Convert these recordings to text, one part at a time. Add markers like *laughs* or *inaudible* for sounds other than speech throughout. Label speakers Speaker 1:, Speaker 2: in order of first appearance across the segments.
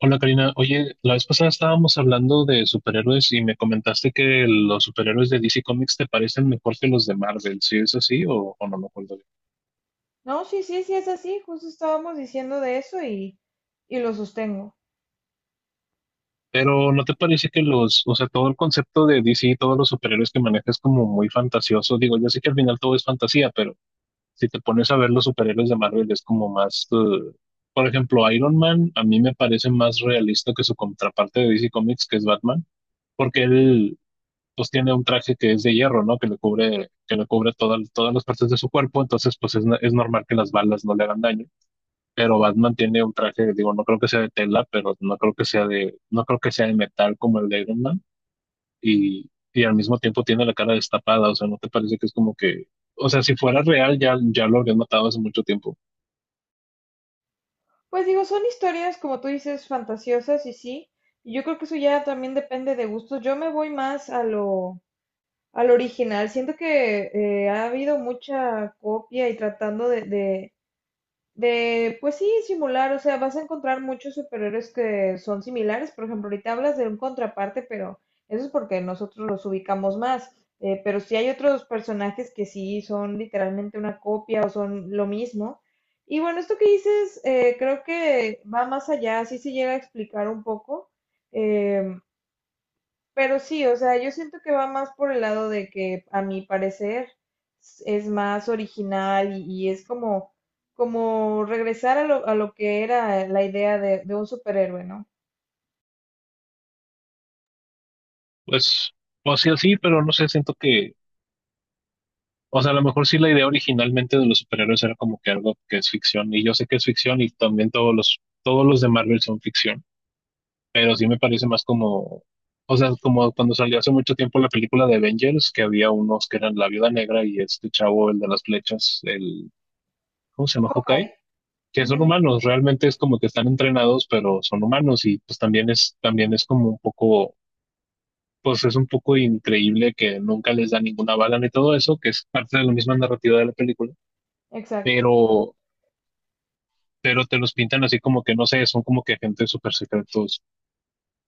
Speaker 1: Hola Karina, oye, la vez pasada estábamos hablando de superhéroes y me comentaste que los superhéroes de DC Comics te parecen mejor que los de Marvel, ¿sí es así o no me acuerdo bien?
Speaker 2: No, sí, sí, sí es así, justo estábamos diciendo de eso, y lo sostengo.
Speaker 1: Pero ¿no te parece que los, o sea, todo el concepto de DC, todos los superhéroes que manejas es como muy fantasioso? Digo, yo sé que al final todo es fantasía, pero si te pones a ver los superhéroes de Marvel es como más, por ejemplo, Iron Man a mí me parece más realista que su contraparte de DC Comics, que es Batman porque él, pues tiene un traje que es de hierro, ¿no? Que le cubre todas todas las partes de su cuerpo, entonces pues es normal que las balas no le hagan daño. Pero Batman tiene un traje, digo, no creo que sea de tela, pero no creo que sea de, no creo que sea de metal como el de Iron Man. Y al mismo tiempo tiene la cara destapada, o sea, ¿no te parece que es como que, o sea, si fuera real ya, ya lo habrían matado hace mucho tiempo?
Speaker 2: Pues digo, son historias, como tú dices, fantasiosas y sí, y yo creo que eso ya también depende de gustos. Yo me voy más al original. Siento que ha habido mucha copia y tratando de, pues sí, simular. O sea, vas a encontrar muchos superhéroes que son similares. Por ejemplo, ahorita hablas de un contraparte, pero eso es porque nosotros los ubicamos más. Pero sí hay otros personajes que sí son literalmente una copia o son lo mismo. Y bueno, esto que dices, creo que va más allá, sí se llega a explicar un poco. Eh, pero sí, o sea, yo siento que va más por el lado de que a mi parecer es más original y es como regresar a lo que era la idea de un superhéroe, ¿no?
Speaker 1: Pues, pues sí o sea, sí, pero no sé, siento que. O sea, a lo mejor sí la idea originalmente de los superhéroes era como que algo que es ficción, y yo sé que es ficción, y también todos los de Marvel son ficción, pero sí me parece más como, o sea, como cuando salió hace mucho tiempo la película de Avengers, que había unos que eran la Viuda Negra y este chavo, el de las flechas, el, ¿cómo se llama?
Speaker 2: Ok.
Speaker 1: Hawkeye, que son
Speaker 2: Ujú,
Speaker 1: humanos, realmente es como que están entrenados, pero son humanos, y pues también es como un poco pues es un poco increíble que nunca les da ninguna bala ni todo eso, que es parte de la misma narrativa de la película
Speaker 2: exacto.
Speaker 1: pero, pero te los pintan así como que no sé, son como que agentes súper secretos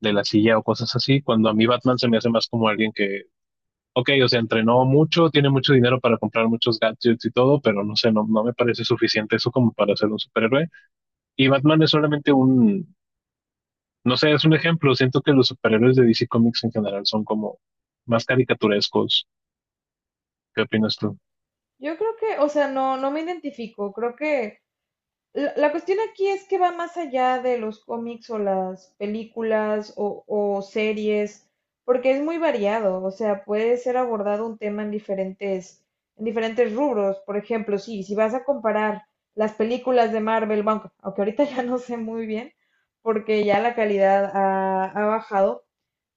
Speaker 1: de la silla o cosas así, cuando a mí Batman se me hace más como alguien que, ok, o sea, entrenó mucho, tiene mucho dinero para comprar muchos gadgets y todo, pero no sé, no, no me parece suficiente eso como para ser un superhéroe. Y Batman es solamente un, no sé, es un ejemplo, siento que los superhéroes de DC Comics en general son como más caricaturescos. ¿Qué opinas tú?
Speaker 2: Yo creo que, o sea, no, no me identifico. La cuestión aquí es que va más allá de los cómics o las películas o series, porque es muy variado, o sea, puede ser abordado un tema en diferentes, rubros. Por ejemplo, sí, si vas a comparar las películas de Marvel, bueno, aunque ahorita *laughs* ya no sé muy bien, porque ya la calidad ha bajado,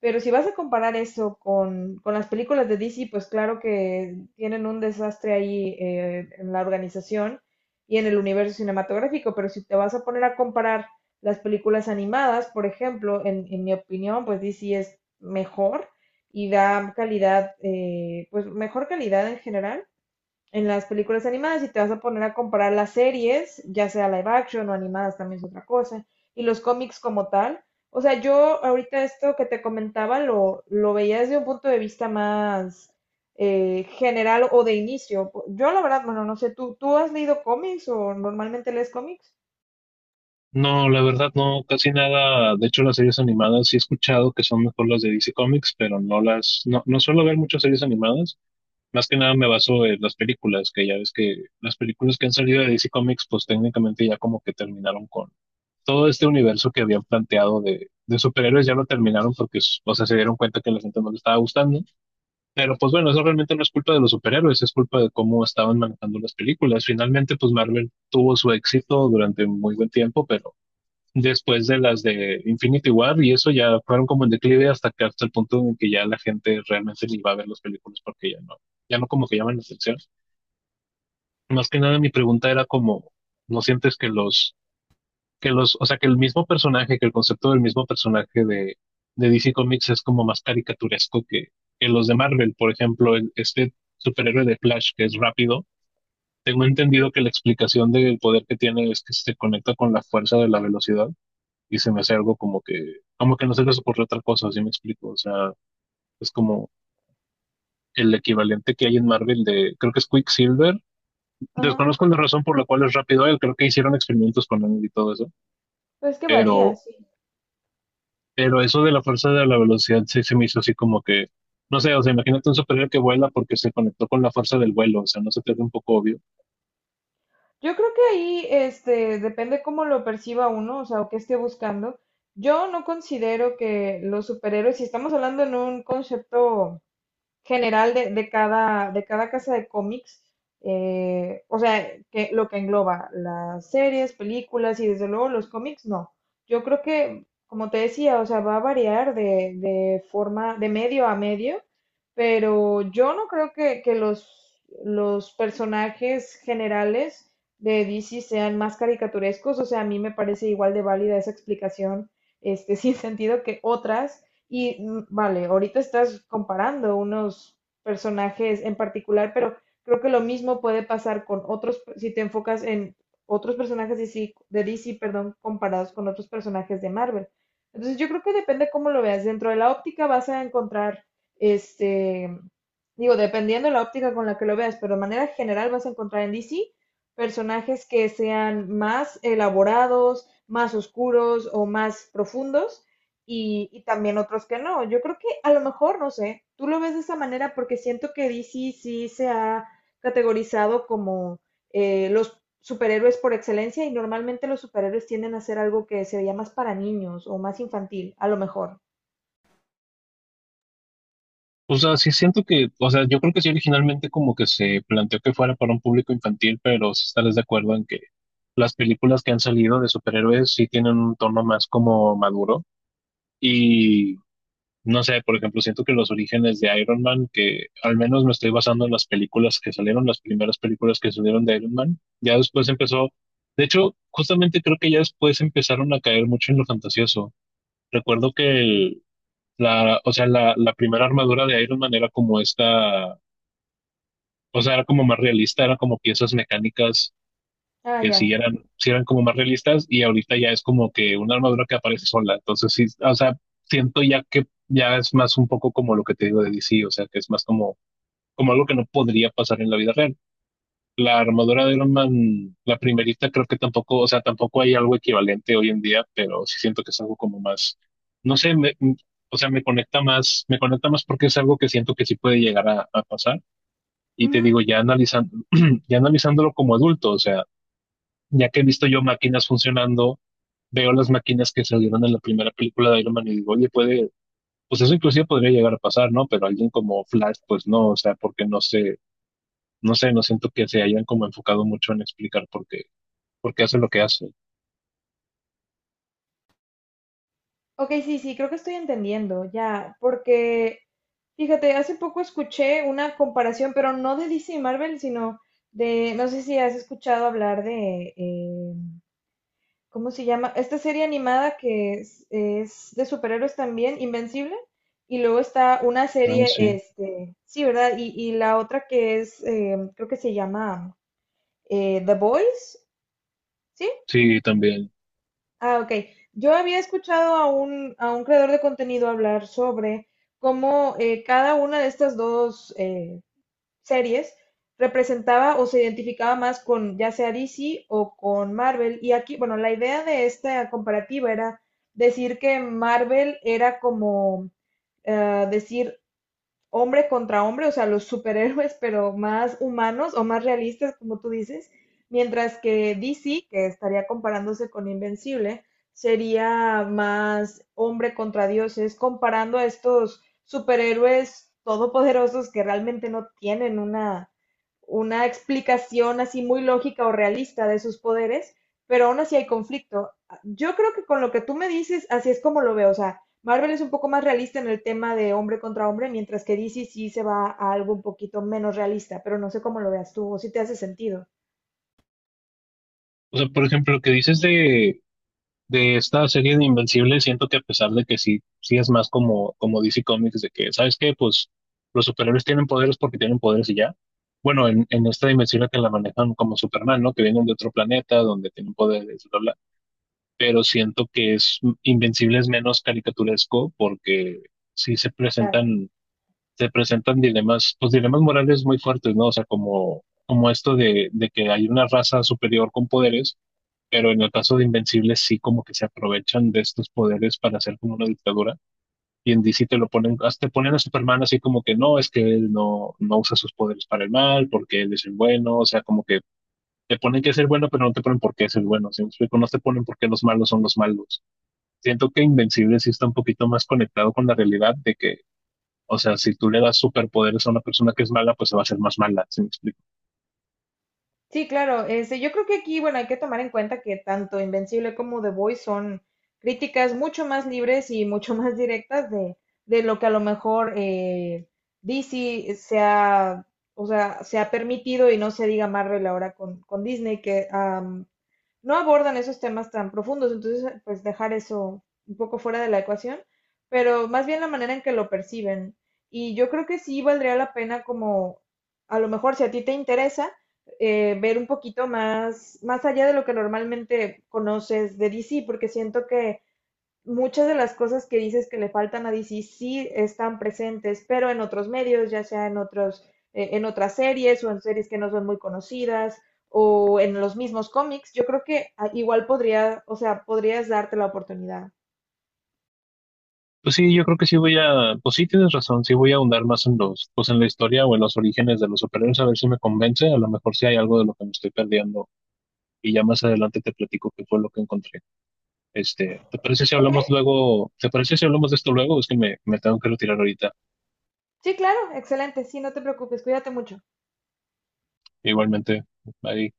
Speaker 2: pero si vas a comparar eso con las películas de DC, pues claro que tienen un desastre ahí, en la organización y en el universo cinematográfico. Pero si te vas a poner a comparar las películas animadas, por ejemplo, en mi opinión, pues DC es mejor y da calidad, pues mejor calidad en general en las películas animadas, y te vas a poner a comparar las series, ya sea live action o animadas también es otra cosa, y los cómics como tal. O sea, yo ahorita esto que te comentaba lo veía desde un punto de vista más general o de inicio. Yo la verdad, bueno, no sé, ¿tú has leído cómics o normalmente lees cómics?
Speaker 1: No, la verdad no, casi nada. De hecho, las series animadas sí he escuchado que son mejor las de DC Comics, pero no las, no, no suelo ver muchas series animadas. Más que nada me baso en las películas, que ya ves que las películas que han salido de DC Comics, pues técnicamente ya como que terminaron con todo este universo que habían planteado de superhéroes, ya lo terminaron porque, o sea, se dieron cuenta que a la gente no le estaba gustando. Pero pues bueno, eso realmente no es culpa de los superhéroes, es culpa de cómo estaban manejando las películas. Finalmente, pues Marvel tuvo su éxito durante muy buen tiempo, pero después de las de Infinity War y eso ya fueron como en declive hasta que hasta el punto en que ya la gente realmente le iba a ver las películas porque ya no, ya no como que llaman la atención. Más que nada mi pregunta era como, ¿no sientes que que los, o sea, que el mismo personaje, que el concepto del mismo personaje de DC Comics es como más caricaturesco que los de Marvel? Por ejemplo, este superhéroe de Flash que es rápido, tengo entendido que la explicación del poder que tiene es que se conecta con la fuerza de la velocidad y se me hace algo como que no se les ocurrió otra cosa, si me explico. O sea, es como el equivalente que hay en Marvel de, creo que es Quicksilver.
Speaker 2: Ajá,
Speaker 1: Desconozco la razón por la cual es rápido él, creo que hicieron experimentos con él y todo eso,
Speaker 2: pues que varía,
Speaker 1: pero,
Speaker 2: sí.
Speaker 1: pero eso de la fuerza de la velocidad sí se me hizo así como que, no sé, o sea, imagínate un superhéroe que vuela porque se conectó con la fuerza del vuelo, o sea, no se te hace un poco obvio.
Speaker 2: Yo creo que ahí, depende cómo lo perciba uno, o sea, o qué esté buscando. Yo no considero que los superhéroes, si estamos hablando en un concepto general de cada casa de cómics, o sea, que lo que engloba las series, películas y desde luego los cómics, no. Yo creo que, como te decía, o sea, va a variar de forma, de medio a medio, pero yo no creo que los personajes generales de DC sean más caricaturescos, o sea, a mí me parece igual de válida esa explicación, *laughs* sin sentido que otras y vale, ahorita estás comparando unos personajes en particular, pero creo que lo mismo puede pasar con otros, si te enfocas en otros personajes de DC, perdón, comparados con otros personajes de Marvel. Entonces yo creo que depende cómo lo veas. Dentro de la óptica vas a encontrar, este, digo, dependiendo de la óptica con la que lo veas, pero de manera general vas a encontrar en DC personajes que sean más elaborados, más oscuros o más profundos, y también otros que no. Yo creo que a lo mejor, no sé, tú lo ves de esa manera porque siento que DC sí se ha categorizado como los superhéroes por excelencia, y normalmente los superhéroes tienden a ser algo que se veía más para niños o más infantil, a lo mejor.
Speaker 1: O sea, sí siento que, o sea, yo creo que sí originalmente como que se planteó que fuera para un público infantil, pero sí estarás de acuerdo en que las películas que han salido de superhéroes sí tienen un tono más como maduro y no sé, por ejemplo, siento que los orígenes de Iron Man, que al menos me estoy basando en las películas que salieron, las primeras películas que salieron de Iron Man, ya después empezó, de hecho, justamente creo que ya después empezaron a caer mucho en lo fantasioso. Recuerdo que el, la, o sea, la primera armadura de Iron Man era como esta, o sea, era como más realista, era como piezas mecánicas
Speaker 2: Ah,
Speaker 1: que sí
Speaker 2: ya.
Speaker 1: eran, sí eran como más realistas y ahorita ya es como que una armadura que aparece sola. Entonces sí, o sea, siento ya que ya es más un poco como lo que te digo de DC, o sea, que es más como, como algo que no podría pasar en la vida real la armadura de Iron Man, la primerita, creo que tampoco, o sea, tampoco hay algo equivalente hoy en día, pero sí siento que es algo como más, no sé, o sea, me conecta más porque es algo que siento que sí puede llegar a pasar. Y te
Speaker 2: Ujú.
Speaker 1: digo, ya analizando, *clears throat* ya analizándolo como adulto, o sea, ya que he visto yo máquinas funcionando, veo las máquinas que salieron en la primera película de Iron Man y digo, oye, puede, pues eso inclusive podría llegar a pasar, ¿no? Pero alguien como Flash, pues no, o sea, porque no sé, no sé, no siento que se hayan como enfocado mucho en explicar por qué porque hace lo que hace.
Speaker 2: Ok, sí, sí, creo que estoy entendiendo, ya, porque fíjate, hace poco escuché una comparación, pero no de DC y Marvel, sino de, no sé si has escuchado hablar de, ¿cómo se llama? Esta serie animada que es de superhéroes también, Invencible. Y luego está una
Speaker 1: Ah, sí,
Speaker 2: serie, sí, ¿verdad? Y la otra creo que se llama The Voice, ¿sí?
Speaker 1: sí, también.
Speaker 2: Ah, ok. Yo había escuchado a un creador de contenido hablar sobre cómo cada una de estas dos series representaba o se identificaba más con ya sea DC o con Marvel. Y aquí, bueno, la idea de esta comparativa era decir que Marvel era como decir hombre contra hombre, o sea, los superhéroes, pero más humanos o más realistas, como tú dices, mientras que DC, que estaría comparándose con Invencible, sería más hombre contra dioses, comparando a estos superhéroes todopoderosos que realmente no tienen una explicación así muy lógica o realista de sus poderes, pero aún así hay conflicto. Yo creo que con lo que tú me dices, así es como lo veo. O sea, Marvel es un poco más realista en el tema de hombre contra hombre, mientras que DC sí se va a algo un poquito menos realista, pero no sé cómo lo veas tú o si te hace sentido.
Speaker 1: O sea, por ejemplo, lo que dices de esta serie de Invencible, siento que a pesar de que sí, sí es más como, como DC Comics, de que, ¿sabes qué? Pues los superhéroes tienen poderes porque tienen poderes y ya. Bueno, en esta dimensión que la manejan como Superman, ¿no? Que vienen de otro planeta donde tienen poderes, bla, bla. Pero siento que es Invencible es menos caricaturesco porque sí se presentan dilemas, pues dilemas morales muy fuertes, ¿no? O sea, como, como esto de que hay una raza superior con poderes, pero en el caso de Invencibles sí como que se aprovechan de estos poderes para hacer como una dictadura. Y en DC te lo ponen, hasta te ponen a Superman así como que no, es que él no, no usa sus poderes para el mal, porque él es el bueno, o sea, como que te ponen que es el bueno, pero no te ponen por qué es el bueno, ¿sí me explico? No te ponen por qué los malos son los malos. Siento que Invencibles sí está un poquito más conectado con la realidad de que o sea, si tú le das superpoderes a una persona que es mala, pues se va a hacer más mala, ¿sí me explico?
Speaker 2: Sí, claro. Yo creo que aquí, bueno, hay que tomar en cuenta que tanto Invencible como The Voice son críticas mucho más libres y mucho *laughs* más directas de lo que a lo mejor DC se ha, o sea, se ha permitido, y no se diga Marvel ahora con Disney, que no abordan esos temas tan profundos. Entonces pues dejar eso un poco fuera de la ecuación, pero más bien la manera en que lo perciben. Y yo creo que sí valdría la pena como, a lo mejor si a ti te interesa, ver un poquito más allá de lo que normalmente conoces de DC, porque siento que muchas de las cosas que dices que le faltan a DC sí están presentes, pero en otros medios, ya sea en otras series o en series que no son muy conocidas o en los mismos cómics, yo creo que igual podría, o sea, podrías darte la oportunidad.
Speaker 1: Pues sí, yo creo que sí voy a, pues sí tienes razón, sí voy a ahondar más en los, pues en la historia o en los orígenes de los superhéroes, a ver si me convence, a lo mejor si hay algo de lo que me estoy perdiendo y ya más adelante te platico qué fue lo que encontré. Este, ¿te parece si
Speaker 2: Ok,
Speaker 1: hablamos luego, te parece si hablamos de esto luego? Es que me tengo que retirar ahorita.
Speaker 2: sí, claro, excelente, sí, no te preocupes, cuídate mucho.
Speaker 1: Igualmente, ahí